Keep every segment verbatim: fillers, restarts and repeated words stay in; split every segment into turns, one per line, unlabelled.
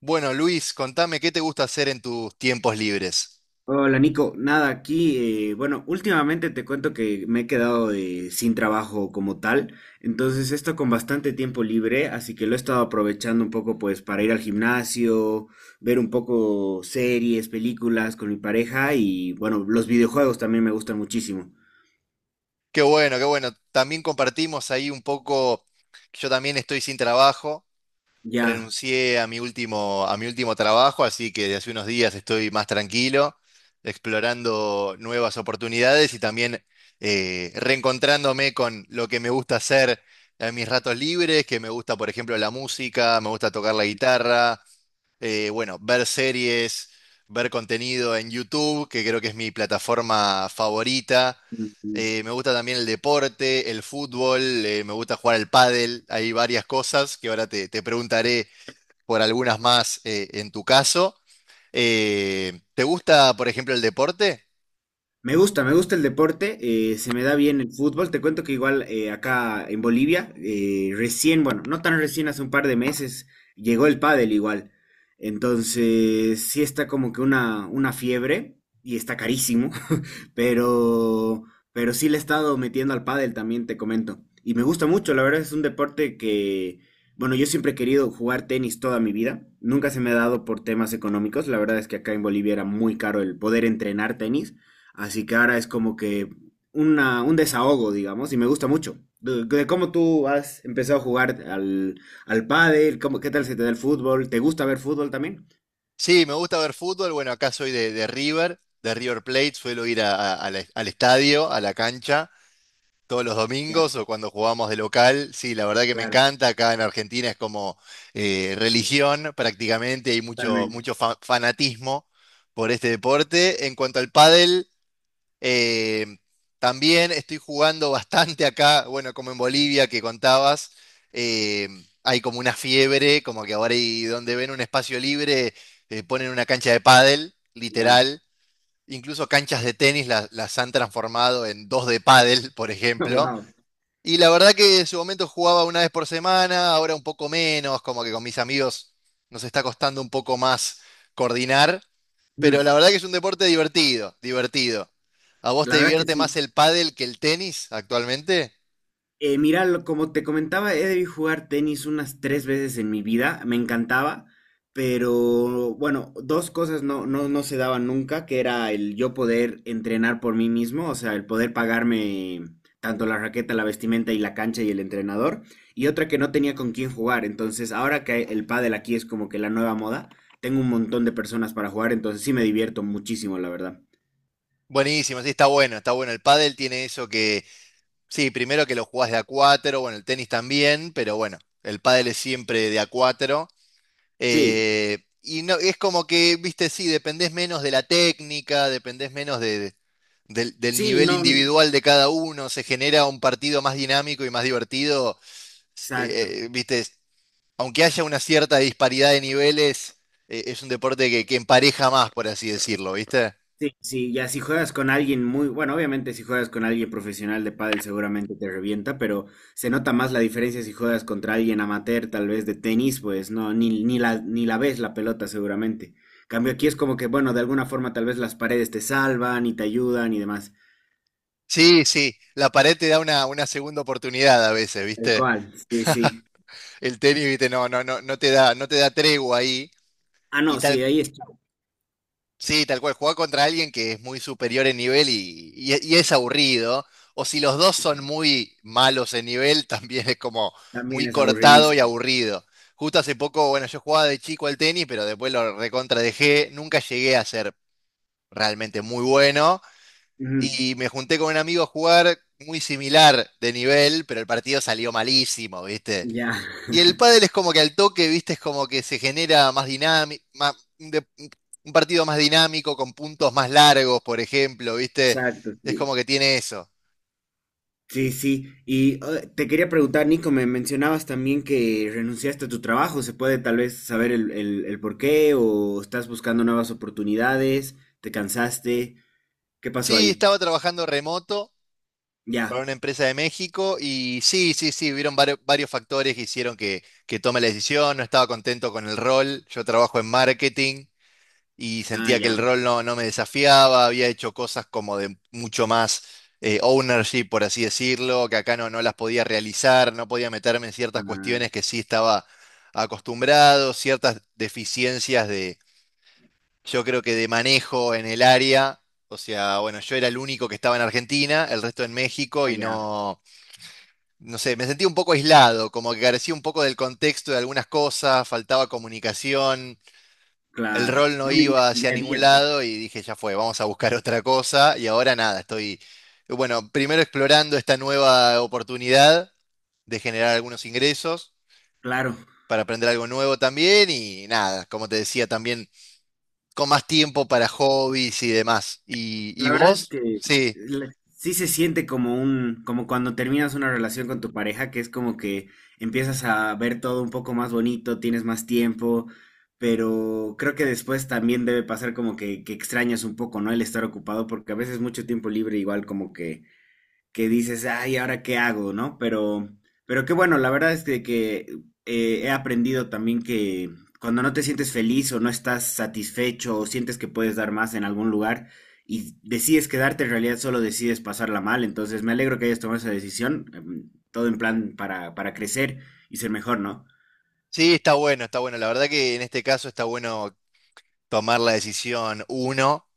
Bueno, Luis, contame qué te gusta hacer en tus tiempos libres.
Hola Nico, nada aquí. Eh, bueno, últimamente te cuento que me he quedado eh, sin trabajo como tal, entonces esto con bastante tiempo libre, así que lo he estado aprovechando un poco pues para ir al gimnasio, ver un poco series, películas con mi pareja y bueno, los videojuegos también me gustan muchísimo.
Qué bueno, qué bueno. También compartimos ahí un poco, yo también estoy sin trabajo,
Ya.
renuncié a mi último, a mi último trabajo, así que desde hace unos días estoy más tranquilo, explorando nuevas oportunidades y también eh, reencontrándome con lo que me gusta hacer en mis ratos libres, que me gusta, por ejemplo, la música, me gusta tocar la guitarra, eh, bueno, ver series, ver contenido en YouTube, que creo que es mi plataforma favorita. Eh, me gusta también el deporte, el fútbol, eh, me gusta jugar al pádel. Hay varias cosas que ahora te, te preguntaré por algunas más eh, en tu caso. Eh, ¿te gusta, por ejemplo, el deporte?
Me gusta, me gusta el deporte, eh, se me da bien el fútbol. Te cuento que igual eh, acá en Bolivia, eh, recién, bueno, no tan recién, hace un par de meses, llegó el pádel igual. Entonces, sí está como que una, una fiebre y está carísimo, pero, pero sí le he estado metiendo al pádel también, te comento. Y me gusta mucho, la verdad es un deporte que, bueno, yo siempre he querido jugar tenis toda mi vida. Nunca se me ha dado por temas económicos. La verdad es que acá en Bolivia era muy caro el poder entrenar tenis. Así que ahora es como que una, un desahogo, digamos, y me gusta mucho. De, de cómo tú has empezado a jugar al, al pádel, cómo, qué tal se te da el fútbol, ¿te gusta ver fútbol también?
Sí, me gusta ver fútbol. Bueno, acá soy de, de River, de River Plate. Suelo ir a- a- al al estadio, a la cancha, todos los
Ya,
domingos o cuando jugamos de local. Sí, la verdad que me
claro,
encanta. Acá en Argentina es como eh, religión prácticamente. Hay mucho,
totalmente.
mucho fa- fanatismo por este deporte. En cuanto al pádel, eh, también estoy jugando bastante acá. Bueno, como en Bolivia que contabas, eh, hay como una fiebre, como que ahora y donde ven un espacio libre, eh, ponen una cancha de pádel,
Ya.
literal. Incluso canchas de tenis las, las han transformado en dos de pádel, por ejemplo.
Wow.
Y la verdad que en su momento jugaba una vez por semana, ahora un poco menos, como que con mis amigos nos está costando un poco más coordinar, pero
Mm.
la verdad que es un deporte divertido, divertido. ¿A vos te
La verdad que
divierte más
sí.
el pádel que el tenis actualmente?
Eh, mira, lo- como te comentaba, he debido jugar tenis unas tres veces en mi vida, me encantaba, pero bueno, dos cosas no, no, no se daban nunca, que era el yo poder entrenar por mí mismo, o sea, el poder pagarme tanto la raqueta, la vestimenta y la cancha y el entrenador, y otra que no tenía con quién jugar, entonces ahora que el pádel aquí es como que la nueva moda, tengo un montón de personas para jugar, entonces sí me divierto muchísimo, la verdad.
Buenísimo, sí, está bueno, está bueno. El pádel tiene eso que, sí, primero que lo jugás de a cuatro, bueno, el tenis también, pero bueno, el pádel es siempre de a cuatro.
Sí,
Eh, y no, es como que, viste, sí, dependés menos de la técnica, dependés menos de, del, del
sí,
nivel
no,
individual de cada uno, se genera un partido más dinámico y más divertido.
exacto.
Eh, eh, viste, aunque haya una cierta disparidad de niveles, eh, es un deporte que, que empareja más, por así decirlo, ¿viste?
Sí, sí, ya si juegas con alguien muy, bueno, obviamente si juegas con alguien profesional de pádel seguramente te revienta, pero se nota más la diferencia si juegas contra alguien amateur, tal vez de tenis, pues no, ni, ni la, ni la ves la pelota seguramente. Cambio aquí es como que, bueno, de alguna forma tal vez las paredes te salvan y te ayudan y demás.
Sí, sí, la pared te da una, una segunda oportunidad a veces,
Tal
¿viste?
cual, sí, sí.
El tenis, ¿viste? No, no, no, no te da, no te da tregua ahí.
Ah,
Y
no,
tal,
sí, ahí está.
sí, tal cual, jugar contra alguien que es muy superior en nivel y, y- y es aburrido. O si los dos son muy malos en nivel, también es como
También
muy
es
cortado y
aburridísimo.
aburrido. Justo hace poco, bueno, yo jugaba de chico al tenis, pero después lo recontra dejé. Nunca llegué a ser realmente muy bueno.
Ujú.
Y me junté con un amigo a jugar muy similar de nivel, pero el partido salió malísimo, ¿viste?
Ya.
Y el pádel es como que al toque, viste, es como que se genera más dinámico, un partido más dinámico, con puntos más largos, por ejemplo, viste,
Exacto,
es
sí.
como que tiene eso.
Sí, sí. Y eh, te quería preguntar, Nico, me mencionabas también que renunciaste a tu trabajo. ¿Se puede tal vez saber el, el, el por qué o estás buscando nuevas oportunidades? ¿Te cansaste? ¿Qué pasó
Sí,
ahí?
estaba trabajando remoto para
Ya.
una empresa de México y sí, sí, sí, hubieron vario- varios factores que hicieron que, que tome la decisión, no estaba contento con el rol, yo trabajo en marketing y
Ah,
sentía que el
ya.
rol no, no me desafiaba, había hecho cosas como de mucho más eh, ownership, por así decirlo, que acá no, no las podía realizar, no podía meterme en ciertas
Ah,
cuestiones que sí estaba acostumbrado, ciertas deficiencias de, yo creo que de manejo en el área. O sea, bueno, yo era el único que estaba en Argentina, el resto en México
ah,
y
ya.
no, no sé, me sentía un poco aislado, como que carecía un poco del contexto de algunas cosas, faltaba comunicación, el
Claro.
rol no
No
iba
vivías el
hacia
día a
ningún
día, pues.
lado y dije, ya fue, vamos a buscar otra cosa. Y ahora nada, estoy, bueno, primero explorando esta nueva oportunidad de generar algunos ingresos
Claro.
para aprender algo nuevo también y nada, como te decía, también con más tiempo para hobbies y demás. ¿Y, y
La verdad es
vos?
que
Sí,
la- sí se siente como un, como cuando terminas una relación con tu pareja, que es como que empiezas a ver todo un poco más bonito, tienes más tiempo, pero creo que después también debe pasar como que, que extrañas un poco, ¿no? El estar ocupado, porque a veces mucho tiempo libre igual como que que dices, ay, ¿ahora qué hago? ¿No? Pero, pero qué bueno, la verdad es que, que, eh, he aprendido también que cuando no te sientes feliz o no estás satisfecho o sientes que puedes dar más en algún lugar y decides quedarte, en realidad solo decides pasarla mal. Entonces me alegro que hayas tomado esa decisión, em, todo en plan para, para crecer y ser mejor, ¿no?
sí, está bueno, está bueno. La verdad que en este caso está bueno tomar la decisión uno,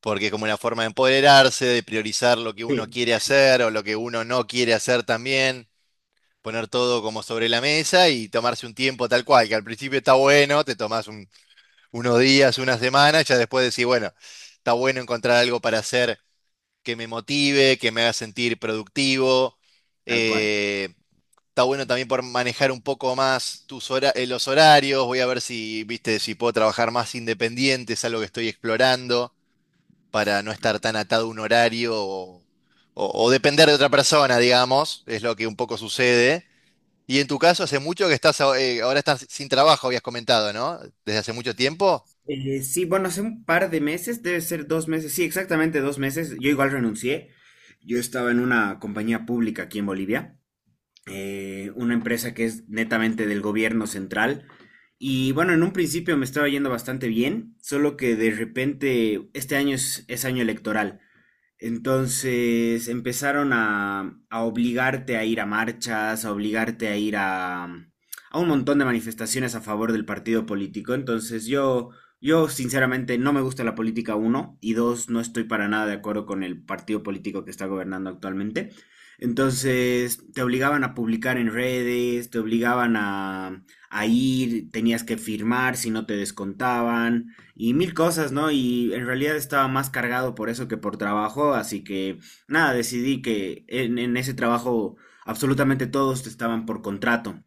porque es como una forma de empoderarse, de priorizar lo que uno
Sí.
quiere hacer o lo que uno no quiere hacer también. Poner todo como sobre la mesa y tomarse un tiempo tal cual, que al principio está bueno, te tomás un- unos días, unas semanas, ya después decís, bueno, está bueno encontrar algo para hacer que me motive, que me haga sentir productivo.
Tal cual.
eh, Está bueno también por manejar un poco más tus hora- eh, los horarios, voy a ver si, viste, si puedo trabajar más independiente, es algo que estoy explorando, para no estar tan atado a un horario o o- o depender de otra persona, digamos, es lo que un poco sucede. Y en tu caso, hace mucho que estás, a- eh, ahora estás sin trabajo, habías comentado, ¿no? Desde hace mucho tiempo.
Eh, sí, bueno, hace un par de meses, debe ser dos meses, sí, exactamente dos meses, yo igual renuncié. Yo estaba en una compañía pública aquí en Bolivia eh, una empresa que es netamente del gobierno central. Y bueno, en un principio me estaba yendo bastante bien, solo que de repente este año es, es año electoral. Entonces empezaron a, a obligarte a ir a marchas, a obligarte a ir a, mm, a un montón de manifestaciones a favor del partido político. Entonces yo, yo sinceramente no me gusta la política, uno, y dos, no estoy para nada de acuerdo con el partido político que está gobernando actualmente. Entonces te obligaban a publicar en redes, te obligaban a, a ir, tenías que firmar si no te descontaban y mil cosas, ¿no? Y en realidad estaba más cargado por eso que por trabajo, así que nada, decidí que en, en ese trabajo absolutamente todos estaban por contrato.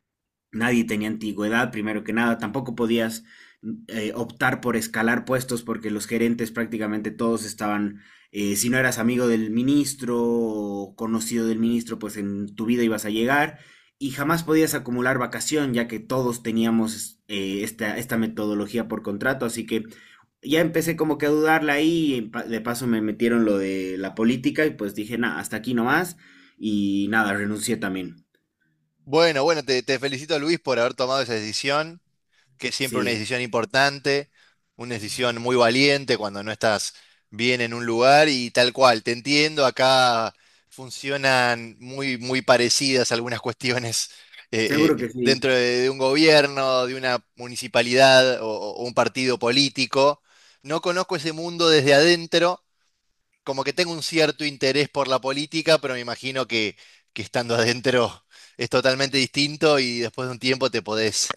Nadie tenía antigüedad, primero que nada. Tampoco podías eh, optar por escalar puestos porque los gerentes prácticamente todos estaban, eh, si no eras amigo del ministro o conocido del ministro, pues en tu vida ibas a llegar y jamás podías acumular vacación ya que todos teníamos eh, esta, esta metodología por contrato. Así que ya empecé como que a dudarla ahí, y pa- de paso me metieron lo de la política y pues dije, nada, hasta aquí nomás y nada, renuncié también.
Bueno, bueno, te, te felicito Luis por haber tomado esa decisión, que es siempre una
Sí,
decisión importante, una decisión muy valiente cuando no estás bien en un lugar y tal cual, te entiendo, acá funcionan muy, muy parecidas algunas cuestiones eh,
seguro
eh,
que sí.
dentro de, de un gobierno, de una municipalidad o o un partido político. No conozco ese mundo desde adentro, como que tengo un cierto interés por la política, pero me imagino que, que estando adentro es totalmente distinto y después de un tiempo te podés,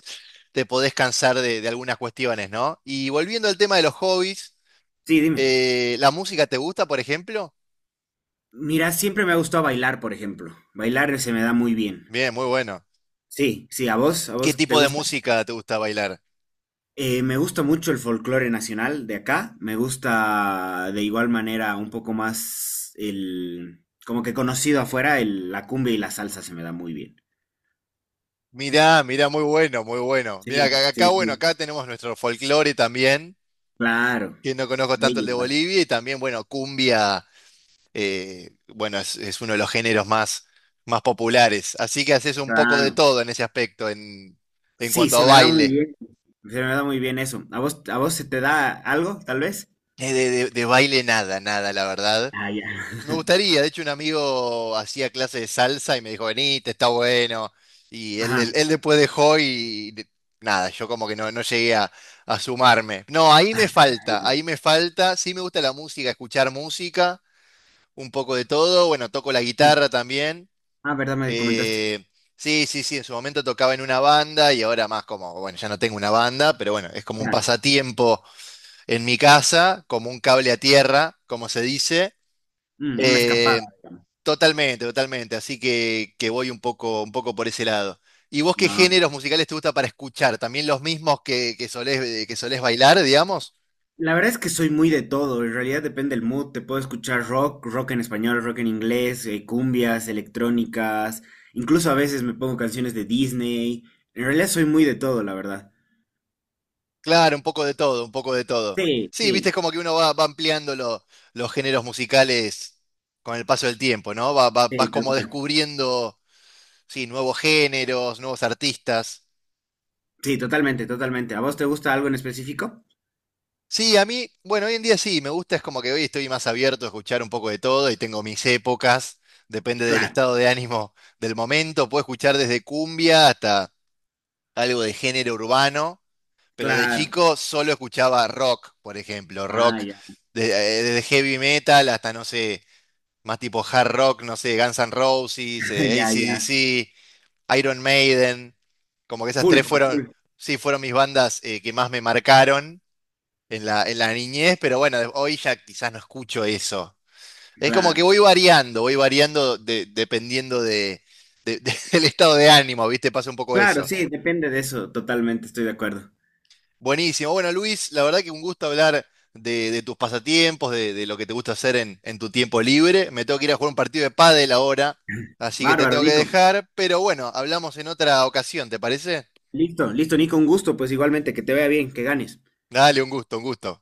te podés cansar de, de algunas cuestiones, ¿no? Y volviendo al tema de los hobbies,
Sí, dime.
eh, ¿la música te gusta, por ejemplo?
Mira, siempre me ha gustado bailar, por ejemplo. Bailar se me da muy bien.
Bien, muy bueno.
Sí, sí, ¿a vos? ¿A
¿Qué
vos te
tipo de
gusta?
música te gusta bailar?
Eh, me gusta mucho el folclore nacional de acá. Me gusta de igual manera un poco más el... Como que conocido afuera, el- la cumbia y la salsa se me da muy bien.
Mirá, mirá, muy bueno, muy bueno. Mirá,
Sí,
acá, acá,
sí,
bueno,
sí.
acá tenemos nuestro folclore también,
Claro.
que no conozco tanto
Bello
el de
igual.
Bolivia, y también, bueno, cumbia, eh, bueno, es, es uno de los géneros más, más populares. Así que haces un poco de
Claro.
todo en ese aspecto, en, en
Sí,
cuanto a
se me da muy
baile.
bien. Se me da muy bien eso. ¿A vos, a vos se te da algo, tal vez?
Eh, De, de- de baile nada, nada, la verdad.
Ah, ya.
Me gustaría, de hecho un amigo hacía clase de salsa y me dijo, venite, está bueno. Y él,
Ajá.
él- él después dejó y de- nada, yo como que no, no llegué a, a sumarme. No, ahí me
Ah,
falta,
ya.
ahí me falta. Sí me gusta la música, escuchar música, un poco de todo. Bueno, toco la
Mm.
guitarra también.
Ah, verdad, me comentaste.
Eh, sí, sí, sí, en su momento tocaba en una banda y ahora más como, bueno, ya no tengo una banda, pero bueno, es como un
Claro,
pasatiempo en mi casa, como un cable a tierra, como se dice.
mm, una escapada,
Eh,
digamos.
Totalmente, totalmente, así que, que voy un poco, un poco por ese lado. ¿Y vos qué
No,
géneros musicales te gusta para escuchar? ¿También los mismos que, que solés, que solés bailar, digamos?
la verdad es que soy muy de todo, en realidad depende del mood, te puedo escuchar rock, rock en español, rock en inglés, eh, cumbias, electrónicas, incluso a veces me pongo canciones de Disney, en realidad soy muy de todo, la verdad.
Claro, un poco de todo, un poco de todo.
Sí,
Sí, viste,
sí,
es como que uno va, va ampliando lo- los géneros musicales con el paso del tiempo, ¿no? Va- va- vas
sí, tal
como
cual.
descubriendo, sí, nuevos géneros, nuevos artistas.
Sí, totalmente, totalmente. ¿A vos te gusta algo en específico?
Sí, a mí, bueno, hoy en día sí, me gusta, es como que hoy estoy más abierto a escuchar un poco de todo y tengo mis épocas, depende del
Claro,
estado de ánimo del momento, puedo escuchar desde cumbia hasta algo de género urbano. Pero de
claro.
chico solo escuchaba rock, por ejemplo,
Ah,
rock
ya.
de- eh, desde heavy metal hasta, no sé, más tipo hard rock, no sé, Guns N' Roses, eh,
Ya, ya.
A C/D C, Iron Maiden, como que esas
Full,
tres
a
fueron,
full.
sí, fueron mis bandas eh, que más me marcaron en la, en la niñez, pero bueno, de- hoy ya quizás no escucho eso. Es como que
Claro.
voy variando, voy variando de- dependiendo de, de- de- del estado de ánimo, ¿viste? Pasa un poco
Claro,
eso.
sí, depende de eso, totalmente, estoy de acuerdo.
Buenísimo. Bueno, Luis, la verdad que un gusto hablar de, de tus pasatiempos, de, de lo que te gusta hacer en, en tu tiempo libre. Me tengo que ir a jugar un partido de pádel ahora, así que te
Bárbaro,
tengo que
Nico.
dejar, pero bueno, hablamos en otra ocasión, ¿te parece?
Listo, listo, Nico, un gusto, pues igualmente, que te vaya bien, que ganes.
Dale, un gusto, un gusto.